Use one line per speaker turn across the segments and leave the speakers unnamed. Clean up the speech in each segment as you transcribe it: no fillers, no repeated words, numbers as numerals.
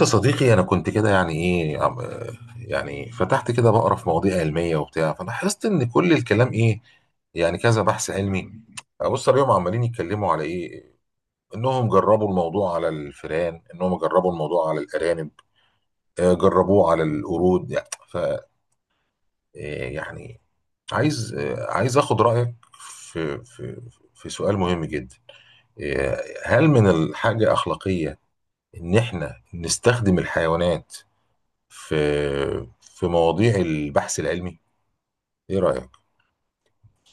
يا صديقي، أنا كنت كده يعني إيه يعني فتحت كده بقرا في مواضيع علمية وبتاع، فلاحظت إن كل الكلام إيه يعني كذا بحث علمي. أبص عليهم عمالين يتكلموا على إيه، إنهم جربوا الموضوع على الفئران، إنهم جربوا الموضوع على الأرانب، جربوه على القرود يعني ف آه، يعني عايز، عايز آخد رأيك في في سؤال مهم جدا. هل من الحاجة أخلاقية إن إحنا نستخدم الحيوانات في في مواضيع البحث العلمي؟ ايه رأيك؟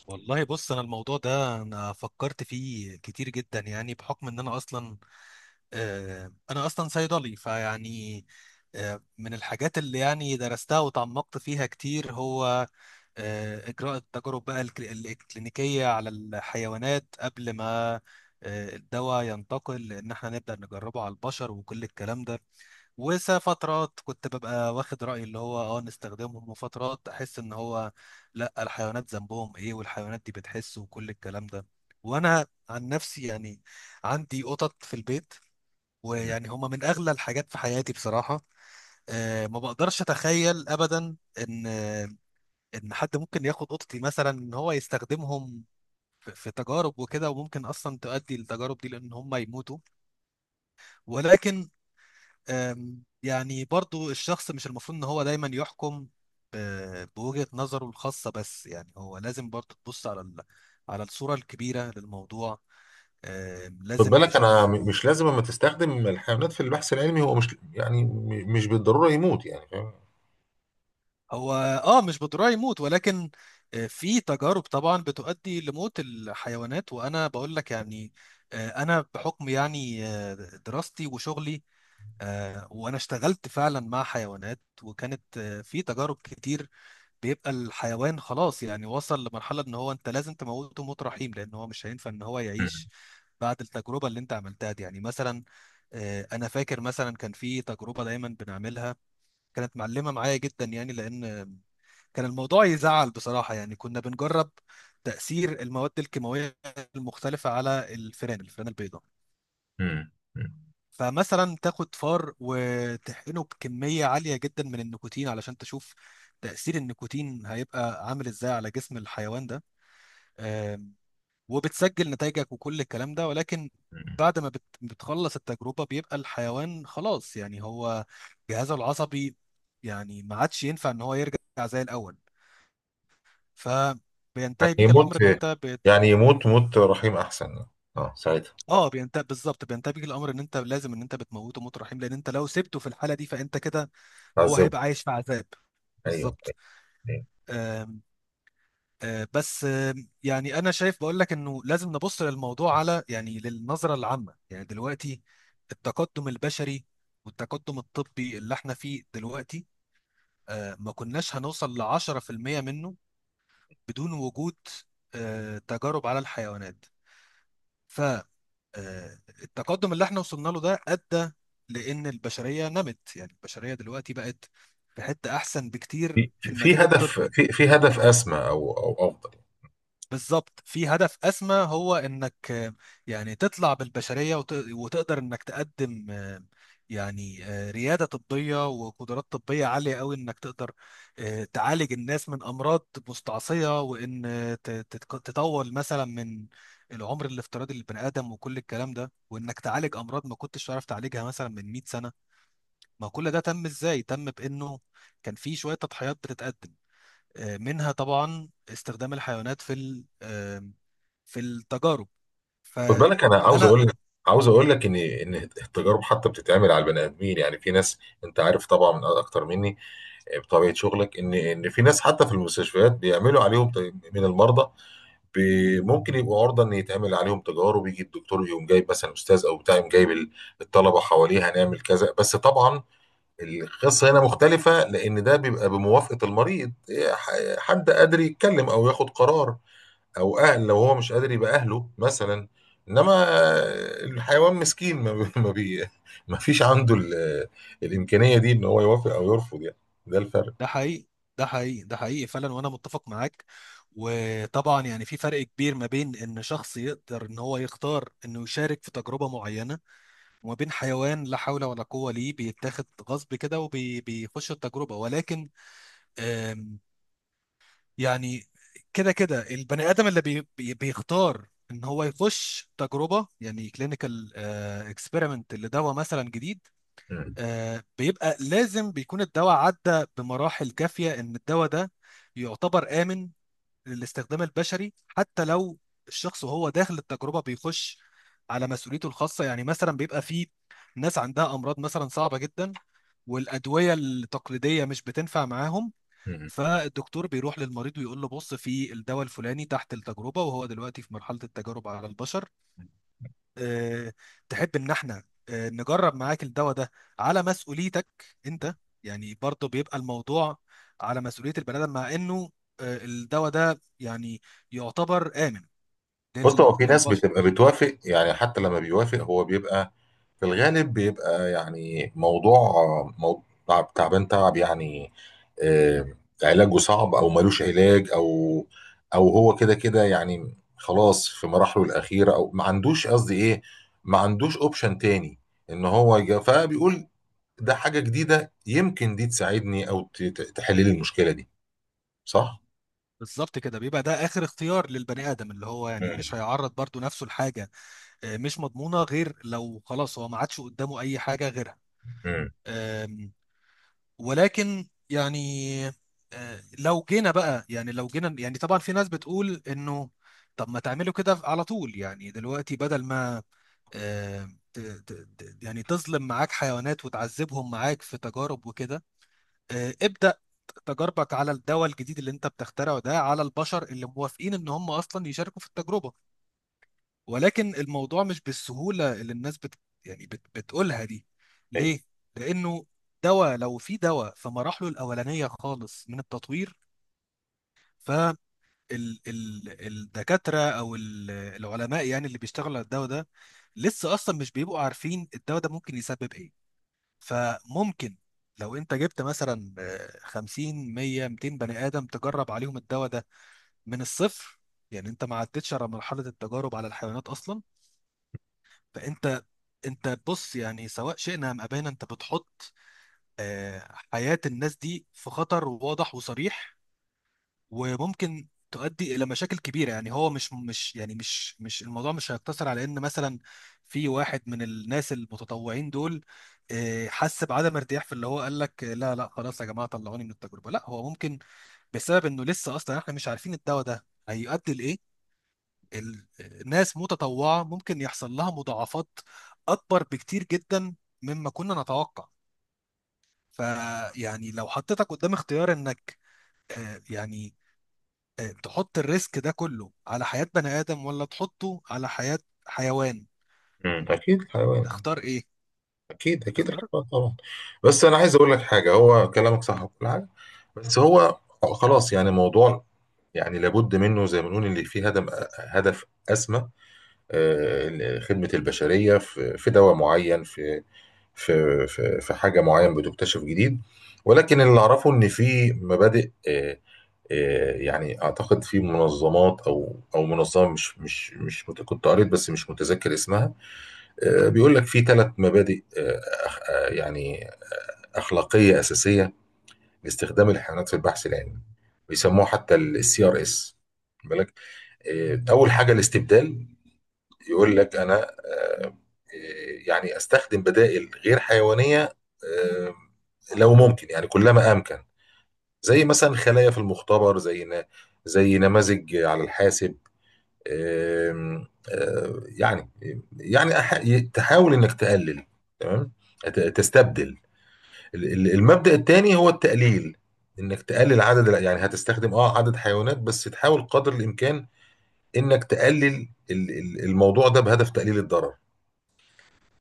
والله بص، انا الموضوع ده انا فكرت فيه كتير جدا يعني بحكم ان انا اصلا انا اصلا صيدلي فيعني من الحاجات اللي يعني درستها وتعمقت فيها كتير هو اجراء التجارب بقى الكلينيكية على الحيوانات قبل ما الدواء ينتقل ان احنا نبدأ نجربه على البشر وكل الكلام ده. وفترات كنت ببقى واخد رأيي اللي هو نستخدمهم، وفترات احس ان هو لا الحيوانات ذنبهم ايه والحيوانات دي بتحس وكل الكلام ده. وانا عن نفسي يعني عندي قطط في البيت،
مم.
ويعني هما من اغلى الحاجات في حياتي بصراحة. ما بقدرش اتخيل ابدا ان ان حد ممكن ياخد قطتي مثلا ان هو يستخدمهم في تجارب وكده، وممكن اصلا تؤدي للتجارب دي لان هما يموتوا. ولكن يعني برضو الشخص مش المفروض ان هو دايما يحكم بوجهة نظره الخاصة، بس يعني هو لازم برضو تبص على على الصورة الكبيرة للموضوع.
خد
لازم
بالك انا
تشوف.
مش لازم اما تستخدم الحيوانات في البحث العلمي هو مش يعني مش بالضرورة يموت، يعني فاهم؟
هو اه مش بضرورة يموت، ولكن في تجارب طبعا بتؤدي لموت الحيوانات، وانا بقول لك يعني انا بحكم يعني دراستي وشغلي وانا اشتغلت فعلا مع حيوانات، وكانت في تجارب كتير بيبقى الحيوان خلاص يعني وصل لمرحلة ان هو انت لازم تموته موت رحيم لان هو مش هينفع ان هو
مم.
يعيش بعد التجربة اللي انت عملتها دي. يعني مثلا انا فاكر مثلا كان في تجربة دايما بنعملها كانت معلمة معايا جدا، يعني لان كان الموضوع يزعل بصراحة. يعني كنا بنجرب تأثير المواد الكيماوية المختلفة على الفئران البيضاء.
مم. مم.
فمثلا تاخد فار وتحقنه بكمية عالية جدا من النيكوتين علشان تشوف تأثير النيكوتين هيبقى عامل ازاي على جسم الحيوان ده. آم، وبتسجل نتائجك وكل الكلام ده، ولكن
مم.
بعد ما بتخلص التجربة بيبقى الحيوان خلاص، يعني هو جهازه العصبي يعني ما عادش ينفع ان هو يرجع زي الأول،
يعني
فبينتهي بيك
يموت،
الأمر ان انت
يعني يموت موت رحيم احسن، اه ساعتها.
اه بينتهي بالظبط، بينتهي الامر ان انت لازم ان انت بتموته موت رحيم، لان انت لو سبته في الحاله دي فانت كده هو
تعذبه.
هيبقى عايش في عذاب
ايوه.
بالظبط. آم، آه، بس يعني انا شايف بقول لك انه لازم نبص للموضوع على يعني للنظره العامه. يعني دلوقتي التقدم البشري والتقدم الطبي اللي احنا فيه دلوقتي ما كناش هنوصل ل 10% منه بدون وجود تجارب على الحيوانات. التقدم اللي احنا وصلنا له ده ادى لان البشريه نمت، يعني البشريه دلوقتي بقت في حته احسن بكتير
في
في
في
المجال
هدف،
الطبي.
في هدف اسمى، او افضل.
بالظبط، في هدف أسمى هو إنك يعني تطلع بالبشرية وتقدر إنك تقدم ريادة طبية وقدرات طبية عالية قوي إنك تقدر تعالج الناس من أمراض مستعصية، وإن تطول مثلا من العمر الافتراضي للبني آدم وكل الكلام ده، وإنك تعالج أمراض ما كنتش تعرف تعالجها مثلا من 100 سنة. ما كل ده تم إزاي؟ تم بإنه كان في شوية تضحيات بتتقدم منها طبعا استخدام الحيوانات في ال- آه، في التجارب.
خد بالك، انا عاوز
فانا
اقول لك، عاوز اقول لك ان التجارب حتى بتتعمل على البني ادمين. يعني في ناس، انت عارف طبعا من اكتر مني بطبيعه شغلك، ان في ناس حتى في المستشفيات بيعملوا عليهم من المرضى ممكن يبقوا عرضه ان يتعمل عليهم تجارب. يجي الدكتور يقوم جايب مثلا استاذ او بتاع، يقوم جايب الطلبه حواليه هنعمل كذا. بس طبعا القصه هنا مختلفه لان ده بيبقى بموافقه المريض. إيه، حد قادر يتكلم او ياخد قرار، او اهل لو هو مش قادر يبقى اهله مثلا. انما الحيوان مسكين، ما فيش عنده الامكانيه دي ان هو يوافق او يرفض، يعني. ده الفرق.
ده حقيقي، ده حقيقي، ده حقيقي فعلا، وانا متفق معاك. وطبعا يعني في فرق كبير ما بين ان شخص يقدر ان هو يختار انه يشارك في تجربة معينة وما بين حيوان لا حول ولا قوة ليه بيتاخد غصب كده وبيخش التجربة. ولكن يعني كده كده البني ادم اللي بي بي بيختار ان هو يخش تجربه يعني كلينيكال اكسبيرمنت لدواء مثلا جديد.
مم.
بيبقى لازم بيكون الدواء عدى بمراحل كافيه ان الدواء ده يعتبر امن للاستخدام البشري، حتى لو الشخص وهو داخل التجربه بيخش على مسؤوليته الخاصه. يعني مثلا بيبقى في ناس عندها امراض مثلا صعبه جدا، والادويه التقليديه مش بتنفع معاهم.
مم.
فالدكتور بيروح للمريض ويقول له: بص في الدواء الفلاني تحت التجربة، وهو دلوقتي في مرحلة التجارب على البشر، أه تحب ان احنا نجرب معاك الدواء ده على مسؤوليتك انت؟ يعني برضه بيبقى الموضوع على مسؤولية البني آدم، مع انه الدواء ده يعني يعتبر آمن
بص، هو في ناس
للبشر.
بتبقى بتوافق. يعني حتى لما بيوافق هو بيبقى في الغالب بيبقى يعني موضوع، موضوع تعبان تعب يعني. آه، علاجه صعب او ملوش علاج، او او هو كده كده يعني خلاص في مراحله الاخيره، او ما عندوش، قصدي ايه، ما عندوش اوبشن تاني ان هو فبيقول ده حاجه جديده يمكن دي تساعدني او تحل لي المشكله دي، صح؟
بالظبط كده، بيبقى ده اخر اختيار للبني ادم، اللي هو يعني مش
امم.
هيعرض برضه نفسه لحاجه مش مضمونه غير لو خلاص هو ما عادش قدامه اي حاجه غيرها. آم، ولكن يعني لو جينا يعني طبعا في ناس بتقول انه طب ما تعملوا كده على طول، يعني دلوقتي بدل ما آه، ت- ت- يعني تظلم معاك حيوانات وتعذبهم معاك في تجارب وكده، ابدأ تجاربك على الدواء الجديد اللي انت بتخترعه ده على البشر اللي موافقين ان هم اصلا يشاركوا في التجربة. ولكن الموضوع مش بالسهولة اللي الناس بت يعني بت بتقولها دي. ليه؟ لأنه دواء، لو في دواء في مراحله الأولانية خالص من التطوير، فالدكاترة أو العلماء يعني اللي بيشتغلوا على الدواء ده لسه أصلا مش بيبقوا عارفين الدواء ده ممكن يسبب إيه. فممكن لو أنت جبت مثلا 50 100 200 بني آدم تجرب عليهم الدواء ده من الصفر، يعني أنت ما عدتش على مرحلة التجارب على الحيوانات أصلا. فانت بص، يعني سواء شئنا ام ابينا انت بتحط حياة الناس دي في خطر واضح وصريح، وممكن تؤدي الى مشاكل كبيره. يعني هو مش مش يعني مش مش الموضوع مش هيقتصر على ان مثلا في واحد من الناس المتطوعين دول حس بعدم ارتياح في اللي هو قال لك لا لا خلاص يا جماعه طلعوني من التجربه. لا، هو ممكن بسبب انه لسه اصلا احنا مش عارفين الدواء ده هيؤدي لايه الناس متطوعة ممكن يحصل لها مضاعفات أكبر بكتير جدا مما كنا نتوقع. فيعني لو حطيتك قدام اختيار إنك آه، يعني تحط الريسك ده كله على حياة بني آدم ولا تحطه على حياة حيوان،
امم، اكيد الحيوان.
هتختار إيه؟
اكيد اكيد
هتختار.
الحوار طبعا. بس انا عايز اقول لك حاجه، هو كلامك صح وكل حاجه، بس هو خلاص يعني موضوع، يعني لابد منه زي ما بنقول اللي فيه هدف، هدف اسمى. خدمه البشريه في دواء معين، في حاجه معين بتكتشف جديد. ولكن اللي اعرفه ان في مبادئ، يعني اعتقد في منظمات او منظمه مش مش مش مت- كنت قريت بس مش متذكر اسمها. بيقول لك في ثلاث مبادئ يعني أخلاقية أساسية لاستخدام الحيوانات في البحث العلمي، بيسموها حتى السي ار اس، بالك. إيه، أول حاجة الاستبدال. يقول لك أنا، إيه، يعني أستخدم بدائل غير حيوانية، آه، لو ممكن يعني كلما أمكن، زي مثلا خلايا في المختبر، زي نماذج على الحاسب. آم، آه، يعني يعني تحاول إنك تقلل، تمام، تستبدل. المبدأ الثاني هو التقليل، انك تقلل عدد يعني هتستخدم اه عدد حيوانات بس تحاول قدر الامكان انك تقلل الموضوع ده بهدف تقليل الضرر.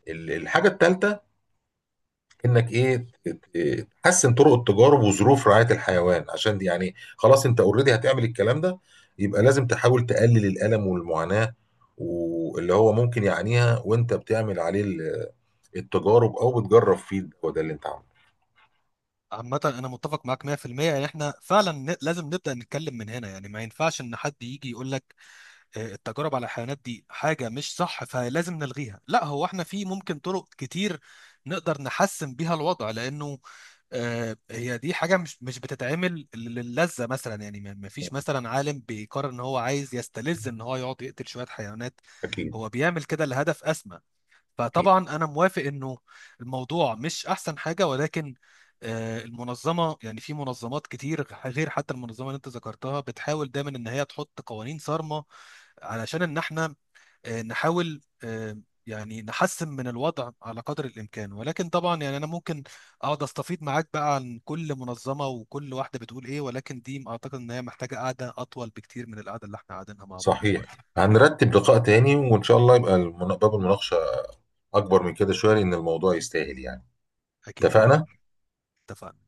الحاجة الثالثة انك ايه تحسن طرق التجارب وظروف رعاية الحيوان، عشان دي يعني خلاص انت اوريدي هتعمل الكلام ده، يبقى لازم تحاول تقلل الألم والمعاناة واللي هو ممكن يعانيها وانت بتعمل عليه التجارب او بتجرب فيه الدواء ده اللي انت عامله.
عامة أنا متفق معاك 100%. إن إحنا فعلا لازم نبدأ نتكلم من هنا، يعني ما ينفعش إن حد يجي يقول لك التجارب على الحيوانات دي حاجة مش صح فلازم نلغيها. لا، هو احنا في ممكن طرق كتير نقدر نحسن بيها الوضع، لأنه هي دي حاجة مش مش بتتعمل للذة مثلا، يعني ما ما فيش مثلا عالم بيقرر ان هو عايز يستلذ ان هو يقعد يقتل شوية حيوانات.
اكيد
هو بيعمل كده لهدف أسمى.
اكيد.
فطبعا أنا موافق انه الموضوع مش أحسن حاجة، ولكن المنظمة يعني في منظمات كتير غير حتى المنظمة اللي انت ذكرتها بتحاول دايما ان هي تحط قوانين صارمة علشان ان احنا نحاول يعني نحسن من الوضع على قدر الامكان. ولكن طبعا يعني انا ممكن اقعد استفيد معاك بقى عن كل منظمه وكل واحده بتقول ايه، ولكن دي اعتقد ان هي محتاجه قعده اطول بكتير من القعده اللي احنا قاعدينها مع بعض
صحيح،
دلوقتي.
هنرتب لقاء تاني وإن شاء الله يبقى باب المناقشة أكبر من كده شوية لأن الموضوع يستاهل يعني.
اكيد طبعا.
اتفقنا؟
اتفقنا.